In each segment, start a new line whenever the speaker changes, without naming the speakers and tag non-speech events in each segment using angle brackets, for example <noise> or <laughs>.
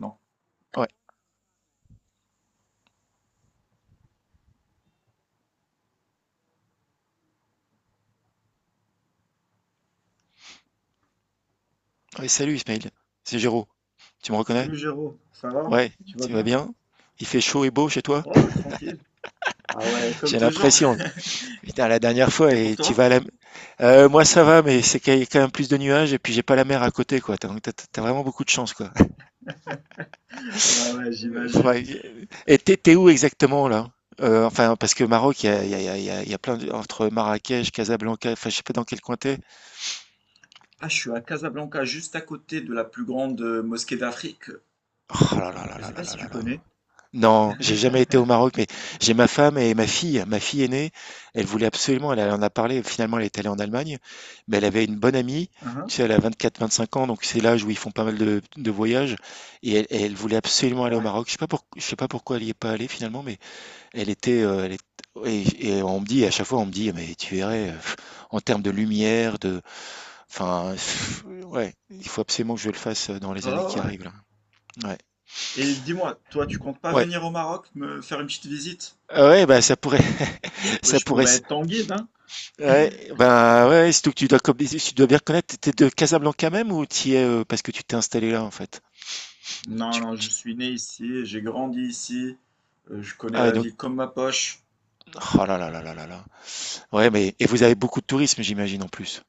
Non.
Ouais. Ouais, salut Ismail, c'est Géraud. Tu me reconnais?
Salut Géraud, ça va?
Ouais,
Tu vas
tu vas
bien?
bien? Il fait chaud et beau chez toi?
Oh, tranquille. Ah ouais, comme
J'ai
toujours.
l'impression. Putain, la dernière fois,
Et pour
et tu
toi?
vas à la. Moi ça va, mais c'est qu'il y a quand même plus de nuages et puis j'ai pas la mer à côté, quoi. Donc t'as vraiment beaucoup de chance, quoi.
Ouais, ouais,
<laughs>
j'imagine.
Ouais. Et t'es où exactement, là? Enfin, parce que Maroc, il y a, il y a- il y a- il y a- il y a plein de. Entre Marrakech, Casablanca, enfin, je sais pas dans quel coin t'es.
Ah, je suis à Casablanca, juste à côté de la plus grande mosquée d'Afrique.
Oh là là là
Je sais
là
pas
là
si
là
tu
là là.
connais.
Non, j'ai jamais été au Maroc, mais j'ai ma femme et ma fille. Ma fille aînée, elle voulait absolument, elle en a parlé, finalement elle est allée en Allemagne, mais elle avait une bonne amie,
Hein.
tu sais, elle a 24-25 ans, donc c'est l'âge où ils font pas mal de voyages, et elle, elle voulait absolument aller au
Ouais.
Maroc. Je sais pas pourquoi elle y est pas allée finalement, mais elle était, elle est-. Et on me dit, à chaque fois on me dit, mais tu verrais, en termes de lumière, de, enfin, ouais, il faut absolument que je le fasse dans les années qui
Ah ouais.
arrivent là. Ouais,
Et dis-moi, toi, tu comptes pas
ouais.
venir au Maroc me faire une petite visite?
Ah ouais, bah ça pourrait, <laughs> ça
Je
pourrait.
pourrais être ton guide, hein?
Ouais, ben ouais, ouais, surtout que tu dois, comme, tu dois bien connaître, t'es de Casablanca même ou t'y es parce que tu t'es installé là en fait?
Non,
Tu,
non, je
tu-
suis né ici, j'ai grandi ici, je connais
Ah ouais,
la
donc,
ville comme ma poche.
oh là là là là là là. Ouais, mais et vous avez beaucoup de tourisme, j'imagine en plus.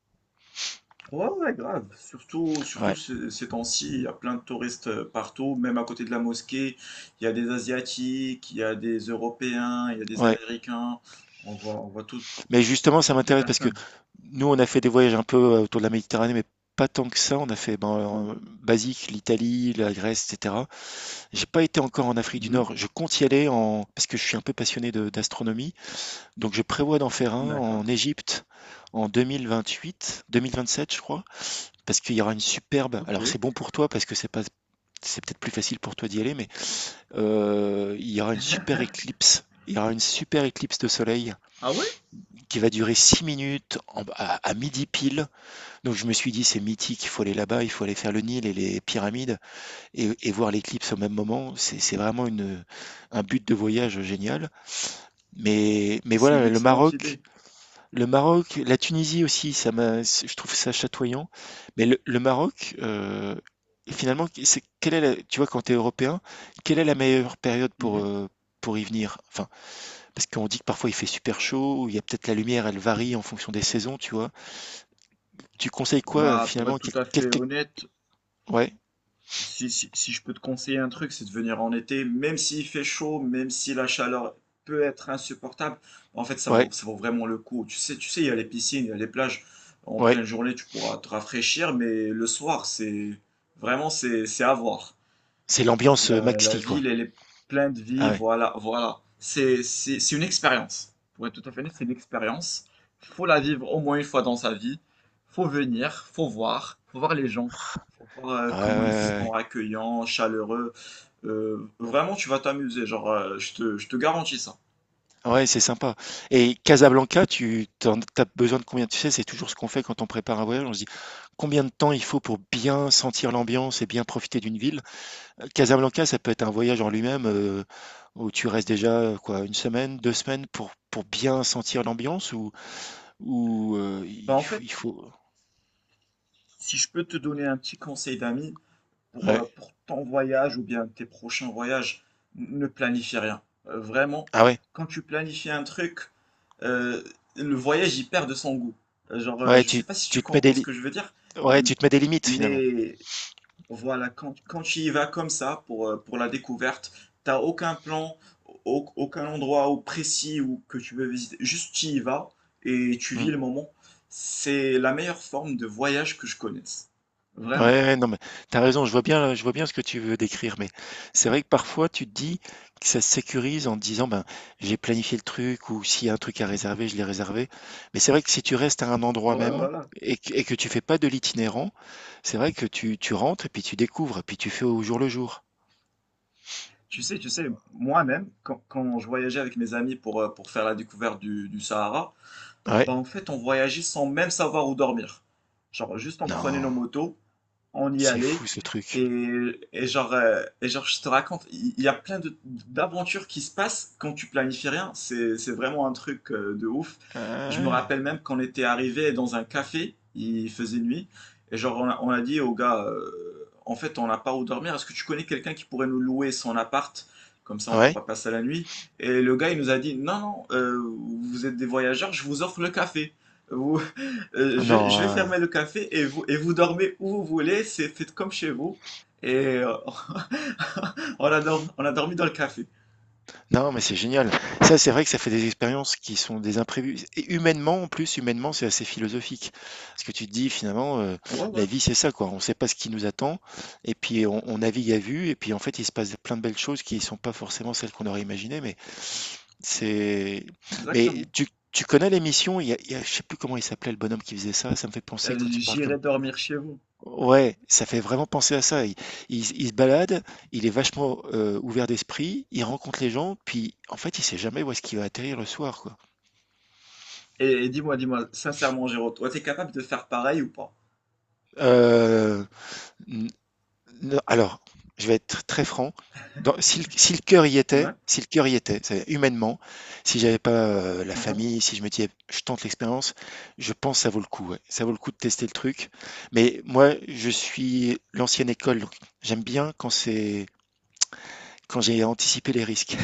Ouais, ouais, grave. Surtout, surtout
Ouais,
ce- ces temps-ci, il y a plein de touristes partout, même à côté de la mosquée. Il y a des Asiatiques, il y a des Européens, il y a des
ouais.
Américains. On voit tout,
Mais justement,
tout
ça
type de
m'intéresse parce que
personnes.
nous, on a fait des voyages un peu autour de la Méditerranée, mais pas tant que ça. On a fait ben, basique l'Italie, la Grèce, etc. J'ai pas été encore en Afrique du
Mhm.
Nord. Je compte y aller en parce que je suis un peu passionné d'astronomie. Donc je prévois d'en faire un
D'accord.
en Égypte en 2028, 2027 je crois, parce qu'il y aura une superbe.
Ok.
Alors c'est bon pour toi parce que c'est pas, c'est peut-être plus facile pour toi d'y aller, mais il y aura une super éclipse. Il y aura une super éclipse de soleil
Ah ouais?
qui va durer 6 minutes à midi pile. Donc je me suis dit c'est mythique, il faut aller là-bas, il faut aller faire le Nil et les pyramides et voir l'éclipse au même moment. C'est vraiment une, un but de voyage génial. Mais,
Ah,
mais
c'est une
voilà, le
excellente
Maroc,
idée.
Le Maroc, la Tunisie aussi, ça m'a, je trouve ça chatoyant. Mais le Maroc, finalement, c'est, quelle est tu vois, quand tu es européen, quelle est la meilleure période pour,
Mhm.
euh, pour y venir? Enfin, parce qu'on dit que parfois il fait super chaud, ou il y a peut-être la lumière, elle varie en fonction des saisons, tu vois. Tu conseilles quoi,
Bah, pour être
finalement?
tout à fait honnête,
Ouais,
si, si je peux te conseiller un truc, c'est de venir en été, même s'il fait chaud, même si la chaleur peut être insupportable, en fait,
ouais,
ça vaut vraiment le coup. Tu sais, il y a les piscines, il y a les plages. En
ouais.
pleine journée, tu pourras te rafraîchir, mais le soir, c'est vraiment, c'est à voir.
C'est l'ambiance
La
maxi, quoi.
ville, elle est pleine de vie,
Ah ouais.
voilà, voilà. C'est une expérience. Pour être tout à fait honnête, c'est une expérience. Faut la vivre au moins une fois dans sa vie. Faut venir, faut voir les gens, faut voir
Ah ouais, ouais,
comment ils
ouais,
sont
ouais.
accueillants, chaleureux. Vraiment, tu vas t'amuser, genre, je te garantis ça.
Ouais, c'est sympa. Et Casablanca, t'as besoin de combien? Tu sais, c'est toujours ce qu'on fait quand on prépare un voyage. On se dit combien de temps il faut pour bien sentir l'ambiance et bien profiter d'une ville. Casablanca, ça peut être un voyage en lui-même où tu restes déjà quoi, une semaine, 2 semaines pour bien sentir l'ambiance ou
Bah en
il
fait,
faut.
si je peux te donner un petit conseil d'ami,
Ouais.
pour ton voyage ou bien tes prochains voyages, ne planifie rien. Vraiment,
Ah ouais.
quand tu planifies un truc, euh, le voyage il perd de son goût. Genre,
Ouais,
je
tu,
sais pas si tu
tu te mets des,
comprends ce
li-
que je veux dire,
ouais,
m-
tu te mets des limites finalement.
mais voilà, quand, quand tu y vas comme ça pour la découverte, t'as aucun plan, aucun endroit ou précis ou que tu veux visiter, juste tu y vas et tu vis
Hmm.
le moment. C'est la meilleure forme de voyage que je connaisse.
Ouais,
Vraiment.
ouais, non, mais t'as raison, je vois bien ce que tu veux décrire, mais c'est vrai que parfois tu te dis que ça se sécurise en te disant ben j'ai planifié le truc ou s'il y a un truc à réserver, je l'ai réservé. Mais c'est vrai que si tu restes à un endroit
Ouais,
même
voilà.
et que tu fais pas de l'itinérant, c'est vrai que tu rentres et puis tu découvres et puis tu fais au jour le jour.
Tu sais, moi-même, quand, quand je voyageais avec mes amis pour faire la découverte du Sahara,
Ouais.
bah en fait, on voyageait sans même savoir où dormir. Genre, juste on prenait
Non,
nos motos, on y
c'est
allait.
fou ce truc.
Et, et genre, je te raconte, il y a plein d'aventures qui se passent quand tu planifies rien. C'est vraiment un truc de ouf. Je me
Ouais.
rappelle même qu'on était arrivé dans un café, il faisait nuit, et genre, on a dit au gars, en fait, on n'a pas où dormir. Est-ce que tu connais quelqu'un qui pourrait nous louer son appart? Comme ça, on
Ouais.
pourra passer la nuit. Et le gars, il nous a dit, non, non, vous êtes des voyageurs, je vous offre le café. Vous,
Non.
je vais
Ouais.
fermer le café et vous dormez où vous voulez, c'est faites comme chez vous. Et <laughs> on a, on a dormi dans le café.
Non, mais c'est génial. Ça, c'est vrai que ça fait des expériences qui sont des imprévus. Et humainement, en plus, humainement, c'est assez philosophique. Parce que tu te dis, finalement,
Ouais, ouais,
la vie, c'est ça, quoi. On ne sait pas ce qui nous attend. Et puis, on navigue à vue. Et puis, en fait, il se passe plein de belles choses qui ne sont pas forcément celles qu'on aurait imaginées. Mais c'est. Mais
exactement.
tu connais l'émission? Je sais plus comment il s'appelait, le bonhomme qui faisait ça. Ça me fait penser quand tu parles comme.
J'irai dormir chez vous.
Ouais, ça fait vraiment penser à ça. Il se balade, il est vachement ouvert d'esprit, il rencontre les gens, puis en fait, il sait jamais où est-ce qu'il va atterrir le soir, quoi.
Et dis-moi, dis-moi, sincèrement, Géraud, toi, t'es capable de faire pareil ou pas?
Euh, n- alors, je vais être très franc. Si le cœur y
Ouais.
était, si le cœur y était, c'est-à-dire humainement, si j'avais pas la
Mhm.
famille, si je me disais, je tente l'expérience, je pense que ça vaut le coup. Ouais. Ça vaut le coup de tester le truc. Mais moi, je suis l'ancienne école, donc j'aime bien quand j'ai anticipé les risques.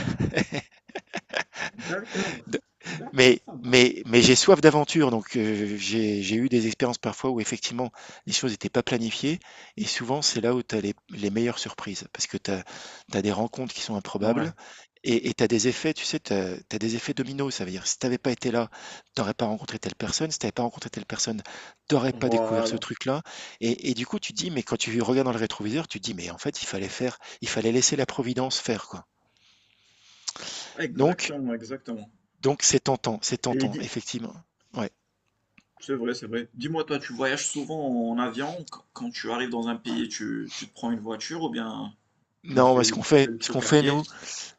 D'accord.
<laughs>
D'accord,
Mais,
ça marche.
mais, mais j'ai soif d'aventure, donc j'ai eu des expériences parfois où effectivement les choses n'étaient pas planifiées, et souvent c'est là où tu as les meilleures surprises, parce que tu as, des rencontres qui sont
Ouais,
improbables, et tu as des effets, tu sais, tu as, des effets dominos, ça veut dire si tu n'avais pas été là, tu n'aurais pas rencontré telle personne, si tu n'avais pas rencontré telle personne, tu n'aurais pas découvert ce
voilà.
truc-là, et du coup tu dis, mais quand tu regardes dans le rétroviseur, tu dis, mais en fait il fallait faire, il fallait laisser la providence faire, quoi. Donc,
Exactement, exactement.
donc c'est
Et
tentant,
dis,
effectivement. Ouais.
c'est vrai, c'est vrai. Dis-moi, toi, tu voyages souvent en avion? Quand tu arrives dans un pays, tu te prends une voiture ou bien tu
Non,
fais
mais
le, tu fais le
ce qu'on
truc à
fait
pied.
nous,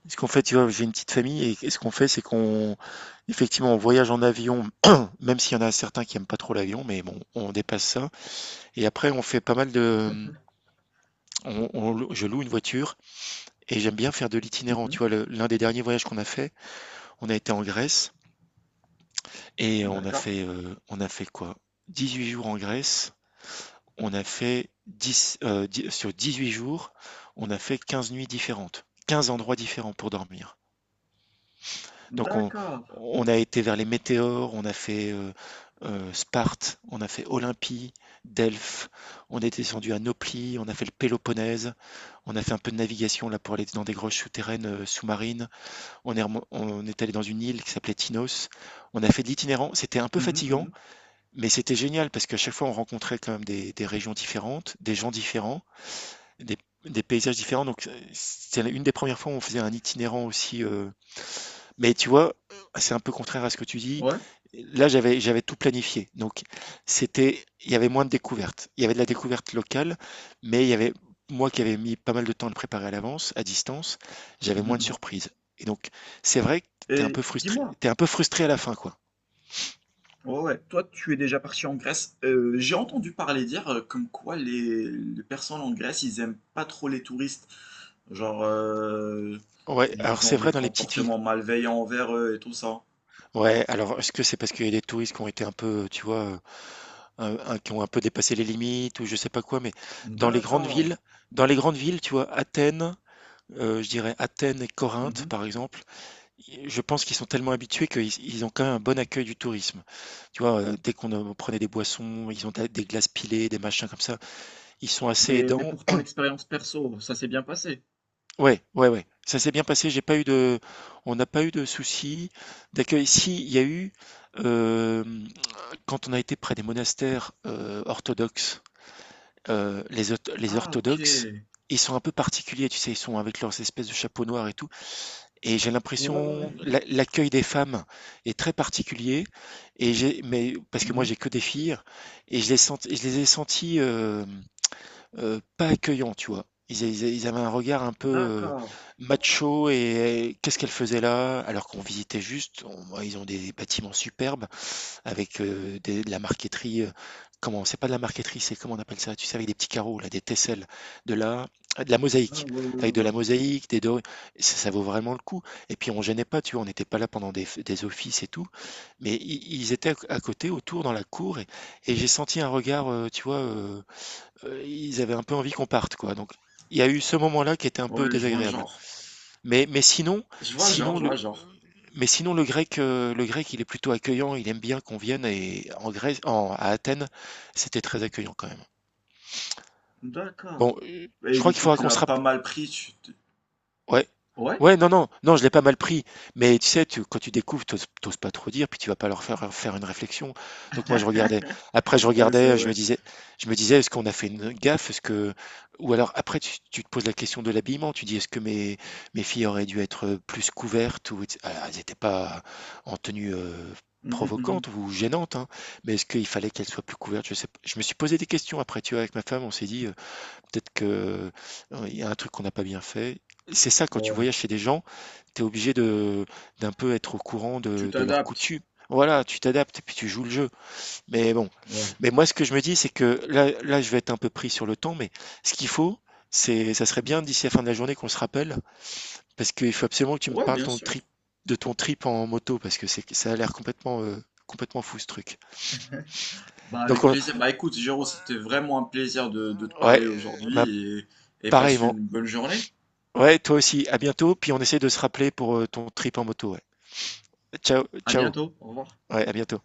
tu vois, j'ai une petite famille et ce qu'on fait, c'est qu'on, effectivement, on voyage en avion, <clears throat> même s'il y en a certains qui aiment pas trop l'avion, mais bon, on dépasse ça. Et après, on fait pas mal de, je loue une voiture et j'aime bien faire de l'itinérant. Tu
Mhm.
vois, l'un des derniers voyages qu'on a fait, on a été en Grèce et
D'accord.
on a fait quoi? 18 jours en Grèce. On a fait 10, 10 sur 18 jours, on a fait 15 nuits différentes, 15 endroits différents pour dormir. Donc on,
D'accord.
on a été vers les météores, on a fait Sparte, on a fait Olympie, Delphes, on est descendu à Nauplie, on a fait le Péloponnèse, on a fait un peu de navigation là pour aller dans des grottes souterraines sous-marines, on est allé dans une île qui s'appelait Tinos, on a fait de l'itinérant, c'était un peu
Mhm,
fatigant,
mhm.
mais c'était génial parce qu'à chaque fois on rencontrait quand même des régions différentes, des gens différents, des, des paysages différents, donc c'est une des premières fois où on faisait un itinérant aussi. Mais tu vois, c'est un peu contraire à ce que tu dis.
Ouais.
Là, j'avais tout planifié. Donc, c'était, il y avait moins de découvertes. Il y avait de la découverte locale, mais il y avait moi qui avais mis pas mal de temps à le préparer à l'avance, à distance, j'avais
Mhm,
moins de
mhm.
surprises. Et donc, c'est vrai que t'es un
Et
peu frustré,
dis-moi,
t'es un peu frustré à la fin, quoi.
ouais, ouais, toi, tu es déjà parti en Grèce. J'ai entendu parler dire comme quoi les personnes en Grèce, ils aiment pas trop les touristes. Genre,
Ouais, alors
ils ont
c'est
des
vrai dans les petites villes.
comportements malveillants envers eux et tout ça.
Ouais, alors est-ce que c'est parce qu'il y a des touristes qui ont été un peu, tu vois, qui ont un peu dépassé les limites ou je sais pas quoi, mais dans les grandes
D'accord.
villes, dans les grandes villes, tu vois, Athènes, je dirais Athènes et Corinthe,
Mhm.
par exemple, je pense qu'ils sont tellement habitués qu'ils ils ont quand même un bon accueil du tourisme. Tu vois, dès qu'on prenait des boissons, ils ont des glaces pilées, des machins comme ça. Ils sont assez
Mais
aidants.
pourtant, l'expérience perso, ça s'est bien passé.
Ouais, ouais, ouais. Ça s'est bien passé. J'ai pas eu de, on n'a pas eu de soucis d'accueil. Si, il y a eu euh, quand on a été près des monastères orthodoxes, les
Ah, ok.
orthodoxes,
Ouais,
ils sont un peu particuliers. Tu sais, ils sont avec leurs espèces de chapeaux noirs et tout. Et j'ai
ouais, ouais.
l'impression l'accueil des femmes est très particulier et j'ai mais parce que moi
Mhm.
j'ai que des filles et je les ai sentis pas accueillants, tu vois. Ils ils avaient un regard un peu
D'accord.
macho et qu'est-ce qu'elles faisaient là? Alors qu'on visitait juste, ils ont des bâtiments superbes avec de la marqueterie. Comment, c'est pas de la marqueterie, c'est comment on appelle ça, tu sais, avec des petits carreaux, là, des tesselles, de la, de la,
Ah,
mosaïque,
ouais, ouais,
avec de
ouais.
la mosaïque, des dorures. Ça vaut vraiment le coup. Et puis on gênait pas, tu vois, on n'était pas là pendant des offices et tout, mais ils étaient à côté, autour, dans la cour, et j'ai senti un regard, tu vois, ils avaient un peu envie qu'on parte, quoi. Donc il y a eu ce moment-là qui était un peu
Ouais, je vois le
désagréable.
genre.
Mais sinon,
Je vois le genre,
sinon
je vois
le,
le genre.
le grec, il est plutôt accueillant, il aime bien qu'on vienne et en Grèce en à Athènes, c'était très accueillant quand même. Bon,
D'accord.
je
Et
crois
du
qu'il
coup,
faudra
tu
qu'on
l'as
se
pas
rapp.
mal pris. Tu t'es?
Ouais.
Ouais?
Ouais, non, non, non, je l'ai pas mal pris. Mais tu sais, quand tu découvres, t'oses pas trop dire, puis tu vas pas leur faire faire une réflexion. Donc moi, je regardais. Après, je
Ouais, c'est
regardais,
vrai.
je me disais, est-ce qu'on a fait une gaffe? Est-ce que, ou alors après, tu te poses la question de l'habillement. Tu dis, est-ce que mes filles auraient dû être plus couvertes ou etc. Alors, elles n'étaient pas en tenue
Mhm, mhm.
provocante ou gênante, hein, mais est-ce qu'il fallait qu'elles soient plus couvertes? Je sais pas. Je me suis posé des questions après, tu vois, avec ma femme, on s'est dit. Peut-être que, il y a un truc qu'on n'a pas bien fait. C'est ça quand tu
Ouais.
voyages chez des gens, tu es obligé de d'un peu être au courant
Tu
de leurs
t'adaptes.
coutumes. Voilà, tu t'adaptes et puis tu joues le jeu. Mais bon,
Ouais.
mais moi ce que je me dis, c'est que là je vais être un peu pris sur le temps, mais ce qu'il faut, c'est ça serait
Mhm.
bien d'ici la fin de la journée qu'on se rappelle, parce qu'il faut absolument que tu me
Ouais,
parles
bien
ton
sûr.
trip de ton trip en moto parce que c'est ça a l'air complètement, complètement fou ce truc.
Bah,
Donc
avec
on.
plaisir. Bah, écoute, Géraud, c'était vraiment un plaisir de te parler
Ouais, bah,
aujourd'hui et passe une
pareillement.
bonne journée.
Ouais, toi aussi. À bientôt. Puis on essaie de se rappeler pour ton trip en moto. Ouais. Ciao,
À
ciao.
bientôt. Au revoir.
Ouais, à bientôt.